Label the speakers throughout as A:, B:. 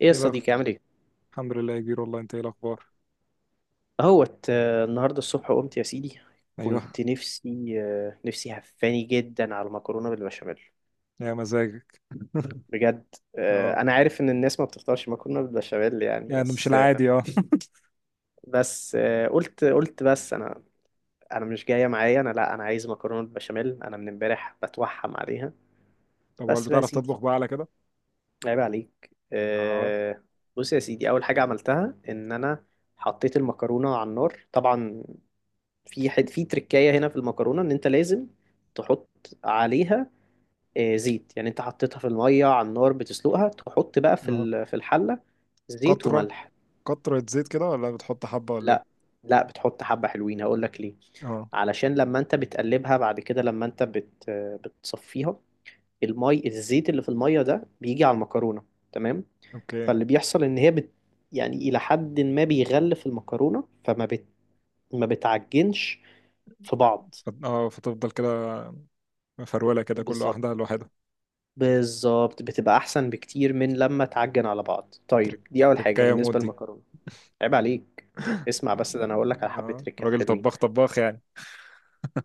A: ايه يا
B: ايه الاخبار؟
A: صديقي، عامل ايه؟
B: الحمد لله يا كبير، والله انت ايه الاخبار؟
A: اهوت النهارده الصبح قمت يا سيدي.
B: ايوه.
A: كنت نفسي هفاني جدا على المكرونه بالبشاميل،
B: يا مزاجك.
A: بجد.
B: اه،
A: انا عارف ان الناس ما بتفطرش مكرونه بالبشاميل يعني،
B: يعني مش
A: بس
B: العادي اه.
A: بس قلت بس انا، انا مش جايه معايا، انا لا، انا عايز مكرونه بالبشاميل، انا من امبارح بتوحم عليها.
B: طب هل
A: بس بقى يا
B: بتعرف تطبخ
A: سيدي،
B: بقى على كده؟
A: عيب عليك
B: اه.
A: بص يا سيدي. اول حاجه عملتها ان انا حطيت المكرونه على النار طبعا. في حد في تركاية هنا في المكرونة ان انت لازم تحط عليها زيت، يعني انت حطيتها في المية على النار بتسلقها، تحط بقى في
B: اه.
A: في الحلة زيت
B: قطره،
A: وملح.
B: قطره زيت كده ولا بتحط حبه ولا ايه؟
A: لا لا، بتحط حبة حلوين، هقول لك ليه،
B: اه.
A: علشان لما انت بتقلبها بعد كده لما انت بت بتصفيها، المي الزيت اللي في المية ده بيجي على المكرونة، تمام؟
B: اوكي.
A: فاللي بيحصل ان هي يعني الى حد ما بيغلف المكرونة، فما ما بتعجنش في بعض.
B: فتفضل كده، مفروله كده، كل
A: بالظبط،
B: واحده لوحدها.
A: بالظبط، بتبقى احسن بكتير من لما تعجن على بعض.
B: تريك.
A: طيب دي اول حاجه
B: تركايه مود
A: بالنسبه
B: دي.
A: للمكرونه. عيب عليك، اسمع بس ده انا هقول لك على حبه
B: اه،
A: تريكات
B: راجل
A: حلوين.
B: طباخ طباخ يعني.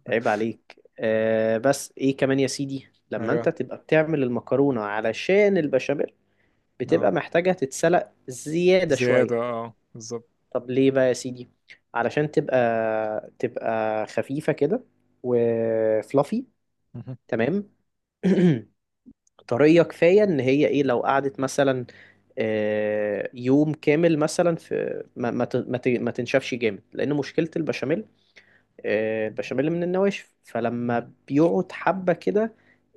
A: عيب عليك آه، بس ايه كمان يا سيدي، لما انت
B: ايوه.
A: تبقى بتعمل المكرونه علشان البشاميل
B: اه،
A: بتبقى محتاجه تتسلق زياده شويه.
B: زياده اه بالظبط.
A: طب ليه بقى يا سيدي؟ علشان تبقى، تبقى خفيفه كده وفلافي،
B: مهم.
A: تمام؟ طرية كفاية ان هي ايه، لو قعدت مثلا يوم كامل مثلا في ما تنشفش جامد، لان مشكلة البشاميل البشاميل من النواشف،
B: مهم.
A: فلما بيقعد حبة كده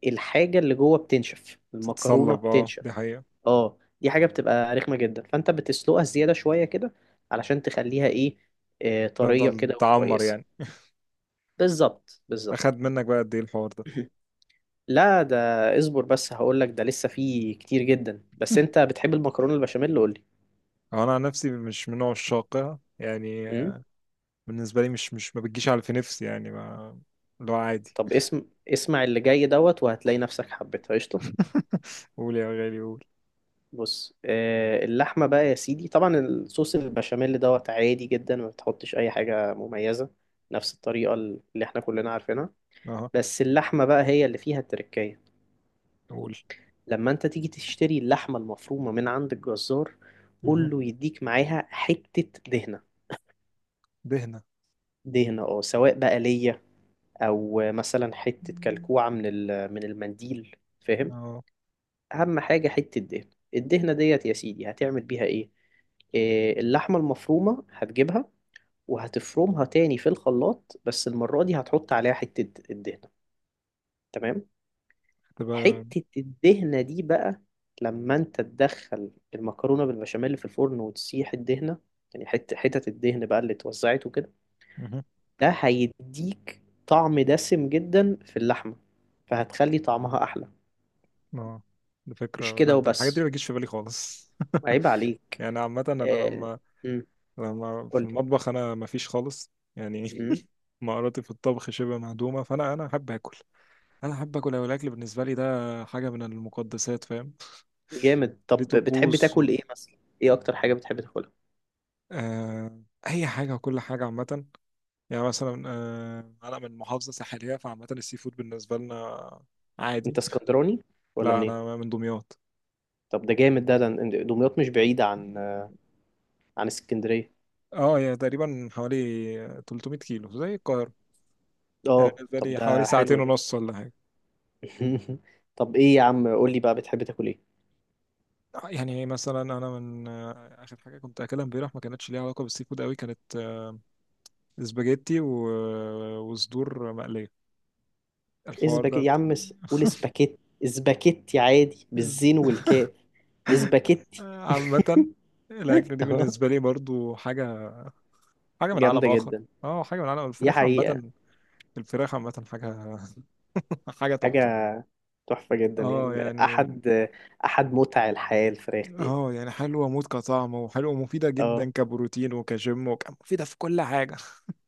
A: الحاجة اللي جوه بتنشف، المكرونة
B: تتصلب، اه
A: بتنشف،
B: دي حقيقه.
A: اه دي حاجة بتبقى رخمة جدا. فانت بتسلقها زيادة شوية كده علشان تخليها ايه، طرية
B: تفضل
A: كده
B: تعمر
A: وكويسة.
B: يعني.
A: بالظبط، بالظبط.
B: اخد منك بقى قد ايه الحوار ده؟
A: لا ده، اصبر بس هقول لك، ده لسه فيه كتير جدا. بس انت بتحب المكرونه البشاميل؟ قول لي.
B: انا عن نفسي مش من نوع الشاقة يعني.
A: امم
B: بالنسبة لي مش ما بتجيش على في نفسي يعني ما، اللي هو عادي.
A: طب اسمع اللي جاي دوت وهتلاقي نفسك حبيتها، قشطه.
B: قول يا غالي قول.
A: بص آه، اللحمه بقى يا سيدي، طبعا الصوص البشاميل دوت عادي جدا، ما بتحطش اي حاجه مميزه، نفس الطريقه اللي احنا كلنا عارفينها.
B: اه،
A: بس اللحمه بقى هي اللي فيها التركية.
B: قول.
A: لما انت تيجي تشتري اللحمه المفرومه من عند الجزار،
B: مه.
A: قول له يديك معاها حته دهنه.
B: دهنة.
A: دهنة اه، سواء بقى ليا او مثلا حته
B: مم.
A: كلكوعه من من المنديل، فاهم؟
B: اه،
A: اهم حاجه حته الدهن. الدهنه ديت يا سيدي هتعمل بيها ايه، اللحمه المفرومه هتجيبها وهتفرمها تاني في الخلاط، بس المره دي هتحط عليها حته الدهنه، تمام؟
B: تبقى.
A: حته الدهنه دي بقى لما انت تدخل المكرونه بالبشاميل اللي في الفرن وتسيح الدهنه، يعني حتت الدهن بقى اللي اتوزعت وكده،
B: مه.
A: ده هيديك طعم دسم جدا في اللحمه فهتخلي طعمها احلى.
B: اه، دي
A: مش
B: فكرة. لا،
A: كده
B: ده الحاجات دي
A: وبس،
B: ما بتجيش في بالي خالص.
A: عيب عليك.
B: يعني عامة انا
A: آه.
B: لما
A: امم
B: لما
A: قول
B: في
A: لي.
B: المطبخ انا ما فيش خالص يعني.
A: امم
B: مهاراتي في الطبخ شبه مهدومة، فانا احب اكل، انا احب اكل أوي، الاكل بالنسبة لي ده حاجة من المقدسات، فاهم؟
A: جامد.
B: ليه
A: طب بتحب
B: طقوس.
A: تاكل ايه مثلا؟ ايه اكتر حاجه بتحب تاكلها؟
B: آه، اي حاجه وكل حاجه عامه. يعني مثلا انا من محافظه ساحليه، فعامه السي فود بالنسبه لنا عادي.
A: انت اسكندراني ولا
B: لا،
A: منين؟
B: انا من دمياط.
A: طب ده جامد ده، ده دمياط مش بعيده عن، عن اسكندريه.
B: اه يعني تقريبا حوالي 300 كيلو زي القاهره.
A: اه
B: يعني بالنسبه
A: طب
B: لي حوالي
A: ده حلو
B: ساعتين
A: ده.
B: ونص ولا حاجه.
A: طب ايه يا عم، قول لي بقى، بتحب تاكل ايه؟
B: يعني مثلا انا من، اخر حاجه كنت اكلها امبارح ما كانتش ليها علاقه بالسي فود قوي، كانت سباجيتي و... وصدور مقليه، الحوار
A: اسباجيتي
B: ده.
A: يا عم، قول اسباجيتي، اسباجيتي، عادي بالزين والكاف، اسباجيتي.
B: عامه الاكله دي بالنسبه لي برضو حاجه، حاجه من عالم
A: جامده
B: اخر.
A: جدا.
B: اه، حاجه من عالم
A: دي
B: الفراخ
A: حقيقه.
B: عامه. الفراخ عامه حاجه. حاجه تحفه.
A: حاجه تحفة جدا،
B: اه
A: يعني
B: يعني من،
A: أحد، أحد متع الحياة الفراخ دي.
B: اه يعني حلوه موت كطعم، وحلوه ومفيده
A: اه
B: جدا كبروتين وكجيم وك... مفيده في كل حاجه.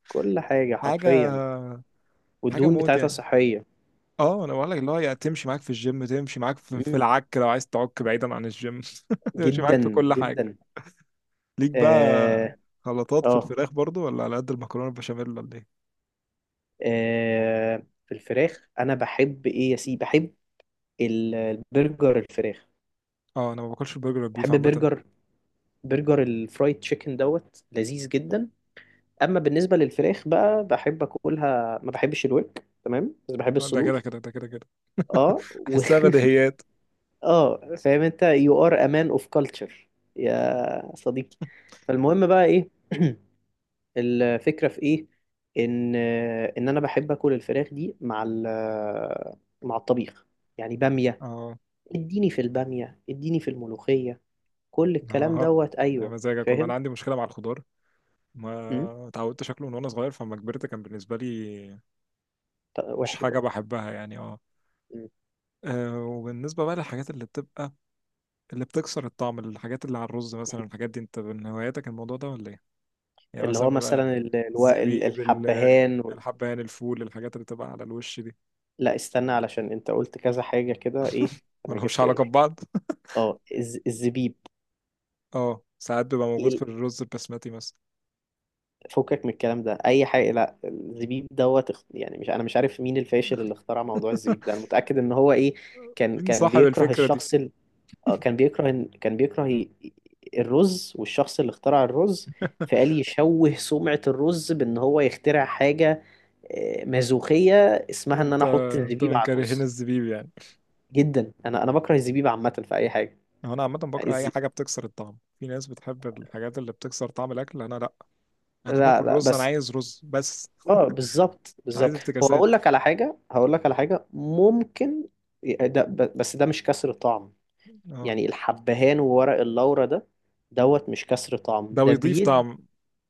A: كل حاجة
B: حاجه.
A: حرفيا.
B: حاجه
A: والدهون
B: موت
A: بتاعتها
B: يعني.
A: صحية.
B: اه انا بقول لك اللي هو يعني تمشي معاك في الجيم، تمشي معاك في
A: مم.
B: العك، لو عايز تعك بعيدا عن الجيم تمشي معاك في
A: جدا
B: كل حاجه.
A: جدا.
B: ليك بقى
A: اه
B: خلطات في
A: اه
B: الفراخ برضو ولا على قد المكرونه البشاميل ولا ايه؟
A: آه، في الفراخ أنا بحب إيه يا سيدي، بحب البرجر الفراخ،
B: اه انا ما باكلش البرجر والبيف
A: بحب
B: عامه.
A: برجر، برجر الفرايد تشيكن دوت لذيذ جدا. أما بالنسبة للفراخ بقى بحب أكلها، ما بحبش الورك تمام، بس بحب
B: ده كده
A: الصدور.
B: كده ده كده كده.
A: اه و...
B: احسها بديهيات.
A: اه فاهم انت، you are a man of culture يا صديقي. فالمهم بقى ايه، الفكرة في ايه؟ ان، ان انا بحب اكل الفراخ دي مع مع الطبيخ، يعني بامية،
B: اه.
A: اديني في البامية، اديني في الملوخية، كل الكلام
B: اه،
A: دوت.
B: يا
A: ايوه
B: مزاجك والله. انا
A: فاهم.
B: عندي مشكله مع الخضار،
A: امم
B: ما اتعودت شكله من وانا صغير، فلما كبرت كان بالنسبه لي مش
A: وحش
B: حاجه
A: بقى.
B: بحبها يعني اه.
A: مم.
B: وبالنسبه بقى للحاجات اللي بتبقى، اللي بتكسر الطعم، الحاجات اللي على الرز مثلا، الحاجات دي انت من هواياتك الموضوع ده ولا ايه؟ يعني
A: اللي
B: مثلا
A: هو
B: بقى
A: مثلا
B: الزبيب،
A: الحبهان
B: الحبهان، الفول، الحاجات اللي بتبقى على الوش دي
A: لا استنى، علشان انت قلت كذا حاجة كده، ايه؟ انا
B: ولا مش
A: جبت
B: علاقه
A: ايرور.
B: ببعض؟
A: اه الزبيب،
B: اه ساعات بيبقى موجود في الرز البسمتي مثلا.
A: فكك من الكلام ده اي حاجه. لا الزبيب دوت يعني مش، انا مش عارف مين الفاشل اللي اخترع موضوع الزبيب ده، انا متاكد ان هو ايه، كان
B: مين
A: كان
B: صاحب
A: بيكره
B: الفكره دي؟
A: الشخص كان بيكره كان بيكره الرز والشخص اللي اخترع الرز، فقال يشوه سمعه الرز بان هو يخترع حاجه مازوخيه اسمها ان انا
B: انت
A: احط
B: انت
A: الزبيب
B: من
A: على
B: كارهين
A: الرز.
B: الزبيب يعني؟
A: جدا، انا انا بكره الزبيب عامه في اي حاجه.
B: هو انا عامه بكره
A: الز...
B: اي حاجه بتكسر الطعم. في ناس بتحب الحاجات اللي بتكسر طعم الاكل، انا لا. انا
A: لا
B: باكل
A: لا،
B: رز، انا
A: بس
B: عايز رز بس،
A: اه بالظبط
B: مش عايز
A: بالظبط. هو اقول
B: افتكاسات.
A: لك على حاجه، هقول لك على حاجه ممكن، بس ده مش كسر طعم،
B: اه،
A: يعني الحبهان وورق اللورا ده دوت مش كسر طعم،
B: ده
A: ده
B: بيضيف
A: بيد.
B: طعم.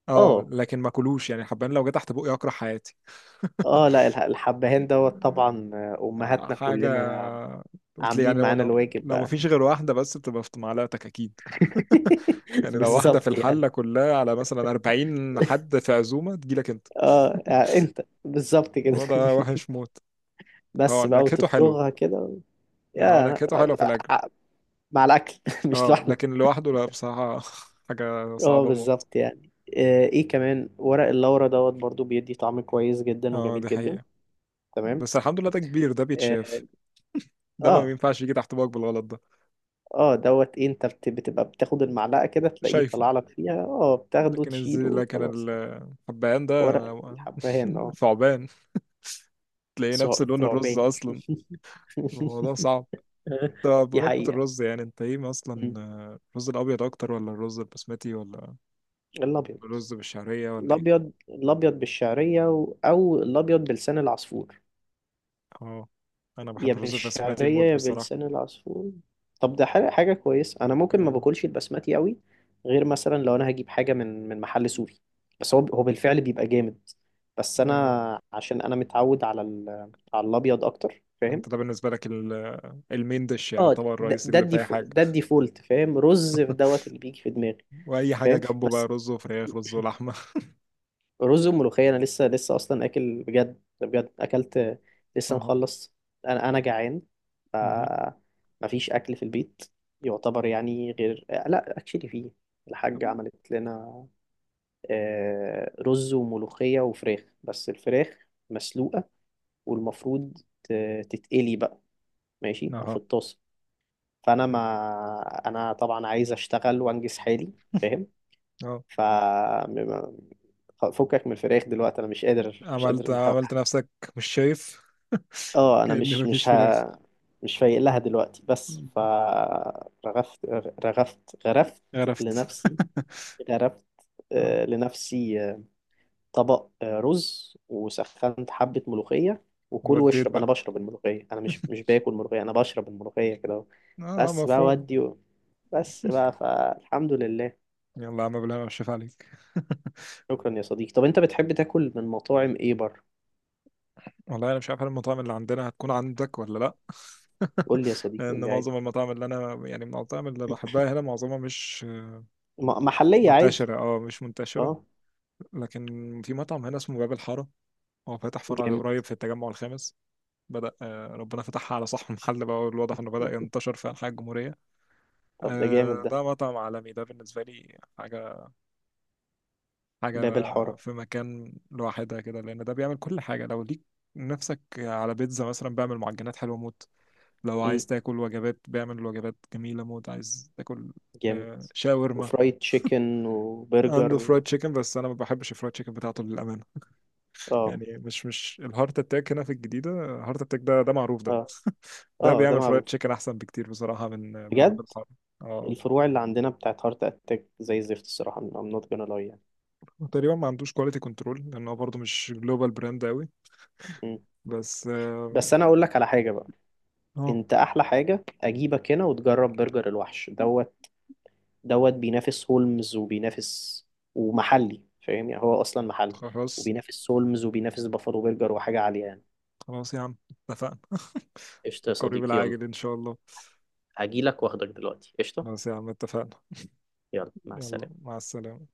B: اه
A: اه
B: لكن ما كلوش يعني، حبان لو جه تحت بقي اكره حياتي.
A: اه لا الحبهان دوت طبعا امهاتنا
B: حاجه.
A: كلنا
B: قلت لي
A: عاملين
B: يعني هو
A: معانا
B: لو،
A: الواجب
B: لو ما
A: بقى.
B: فيش غير واحده بس بتبقى في معلقتك اكيد. يعني لو واحده في
A: بالظبط يعني.
B: الحله كلها على مثلا 40 حد في عزومه تجيلك انت.
A: اه آه، انت بالظبط كده.
B: الموضوع ده وحش موت. هو
A: بس بقى
B: نكهته حلوه،
A: وتبدغها كده،
B: يعني هو
A: يا
B: نكهته حلوه في الاكل.
A: آه، مع الاكل. مش
B: اه
A: لوحده.
B: لكن لوحده لا بصراحة. حاجة
A: اه
B: صعبة موت.
A: بالظبط يعني. ايه كمان ورق اللورا دوت برضو بيدي طعم كويس جدا
B: اه
A: وجميل
B: دي
A: جدا.
B: حقيقة.
A: تمام.
B: بس الحمد لله ده كبير، ده
A: اه
B: بيتشاف. ده ما
A: اه
B: بينفعش يجي تحت باك بالغلط ده.
A: دوت إيه، انت بتبقى بتاخد المعلقة كده تلاقيه
B: شايفه.
A: طلع لك فيها، اه بتاخده
B: لكن الزي،
A: تشيله،
B: لكن
A: خلاص.
B: الحبهان ده
A: ورق الحبهان اه،
B: ثعبان. تلاقيه نفس لون الرز
A: ثعبان.
B: اصلا. الموضوع صعب. انت
A: دي
B: بمناسبة
A: حقيقة.
B: الرز يعني انت ايه اصلا؟
A: مم.
B: الرز الابيض اكتر ولا الرز البسمتي ولا
A: الأبيض،
B: الرز بالشعرية ولا ايه؟
A: الأبيض، الأبيض بالشعرية أو الأبيض بلسان العصفور.
B: اه، انا
A: يا
B: بحب الرز البسمتي
A: بالشعرية
B: موت
A: يا
B: بصراحة.
A: بلسان العصفور. طب ده حاجة، حاجة كويسة. أنا ممكن ما
B: يا-.
A: باكلش البسمتي قوي غير مثلا لو أنا هجيب حاجة من، من محل سوري، بس هو، هو بالفعل بيبقى جامد. بس
B: يا-.
A: أنا عشان أنا متعود على على الأبيض أكتر، فاهم؟
B: انت ده بالنسبة لك، المين ديش، يعني
A: اه
B: الطبق
A: ده،
B: الرئيسي اللي فيه حاجة
A: ده الديفولت فاهم. رز في دوت اللي بيجي في دماغي.
B: واي حاجه
A: فاهم؟
B: جنبه بقى،
A: بس
B: رز وفراخ، رز ولحمه.
A: رز وملوخية أنا لسه، لسه أصلا أكل، بجد بجد أكلت لسه
B: اهو.
A: مخلص. أنا أنا جعان، ف
B: مهم.
A: مفيش أكل في البيت يعتبر، يعني غير لا أكشلي فيه الحاجة عملت لنا رز وملوخية وفراخ، بس الفراخ مسلوقة والمفروض تتقلي بقى، ماشي في
B: اهو.
A: الطاسة. فأنا، ما أنا طبعا عايز أشتغل وأنجز حالي، فاهم؟
B: اهو.
A: ف م- فكك من الفراخ دلوقتي، انا مش قادر، مش قادر.
B: عملت نفسك مش شايف،
A: اه انا
B: كأن
A: مش،
B: مفيش
A: مش
B: فراخ.
A: ها مش فايق لها دلوقتي، بس
B: مم.
A: فرغفت، رغفت، غرفت
B: عرفت.
A: لنفسي، غرفت
B: اه،
A: لنفسي طبق رز، وسخنت حبة ملوخية، وكل
B: وديت
A: واشرب.
B: بقى.
A: انا بشرب الملوخية، انا مش، مش باكل ملوخية، انا بشرب الملوخية كده.
B: اه،
A: بس بقى
B: مفهوم.
A: ودي، بس بقى فالحمد لله.
B: يلا يا عم بالله، انا مش شايف عليك.
A: شكرا يا صديقي. طب انت بتحب تاكل من مطاعم ايه بره؟
B: والله انا مش عارف هل المطاعم اللي عندنا هتكون عندك ولا لا.
A: قول لي يا صديقي، قول
B: لان
A: لي عادي،
B: معظم المطاعم اللي انا يعني المطاعم اللي بحبها هنا معظمها مش مش
A: محلية عادي.
B: منتشره، اه مش منتشره.
A: اه
B: لكن في مطعم هنا اسمه باب الحاره، هو فاتح فرع
A: جامد.
B: قريب في التجمع الخامس. بدأ، ربنا فتحها على صاحب المحل بقى، والواضح انه بدأ ينتشر في أنحاء الجمهورية.
A: طب ده جامد ده،
B: ده مطعم عالمي، ده بالنسبة لي حاجة، حاجة
A: باب الحارة.
B: في مكان لوحدها كده، لأن ده بيعمل كل حاجة. لو ليك نفسك على بيتزا مثلا بيعمل معجنات حلوة موت، لو
A: امم
B: عايز تاكل وجبات بيعمل وجبات جميلة موت، عايز تاكل
A: جامد.
B: شاورما.
A: وفرايد تشيكن وبرجر
B: عنده فرايد
A: و...
B: تشيكن بس انا ما بحبش الفرايد تشيكن بتاعته للامانه.
A: اه
B: يعني مش الهارت اتاك هنا في الجديده، هارت اتاك ده ده معروف ده.
A: اه
B: ده
A: اه ده
B: بيعمل فرايد
A: معروف،
B: تشيكن احسن بكتير بصراحه من
A: بجد.
B: باب الحاره. اه،
A: الفروع اللي عندنا بتاعت هارت اتاك زي الزفت الصراحه، I'm not gonna lie يعني.
B: تقريبا ما عندوش كواليتي كنترول لانه برضه مش جلوبال براند قوي.
A: مم.
B: بس اه.
A: بس انا اقول لك على حاجه بقى،
B: آه،
A: انت احلى حاجه اجيبك هنا وتجرب برجر الوحش دوت، دوت بينافس هولمز وبينافس، ومحلي فاهم، يعني هو اصلا محلي،
B: خلاص.
A: وبينافس هولمز وبينافس بافالو برجر وحاجه عاليه يعني.
B: خلاص يا عم، اتفقنا.
A: قشطه يا
B: القريب
A: صديقي، يلا
B: العاجل ان شاء الله.
A: هجيلك واخدك دلوقتي، قشطه،
B: خلاص يا عم اتفقنا.
A: يلا مع
B: يلا
A: السلامه.
B: مع السلامه.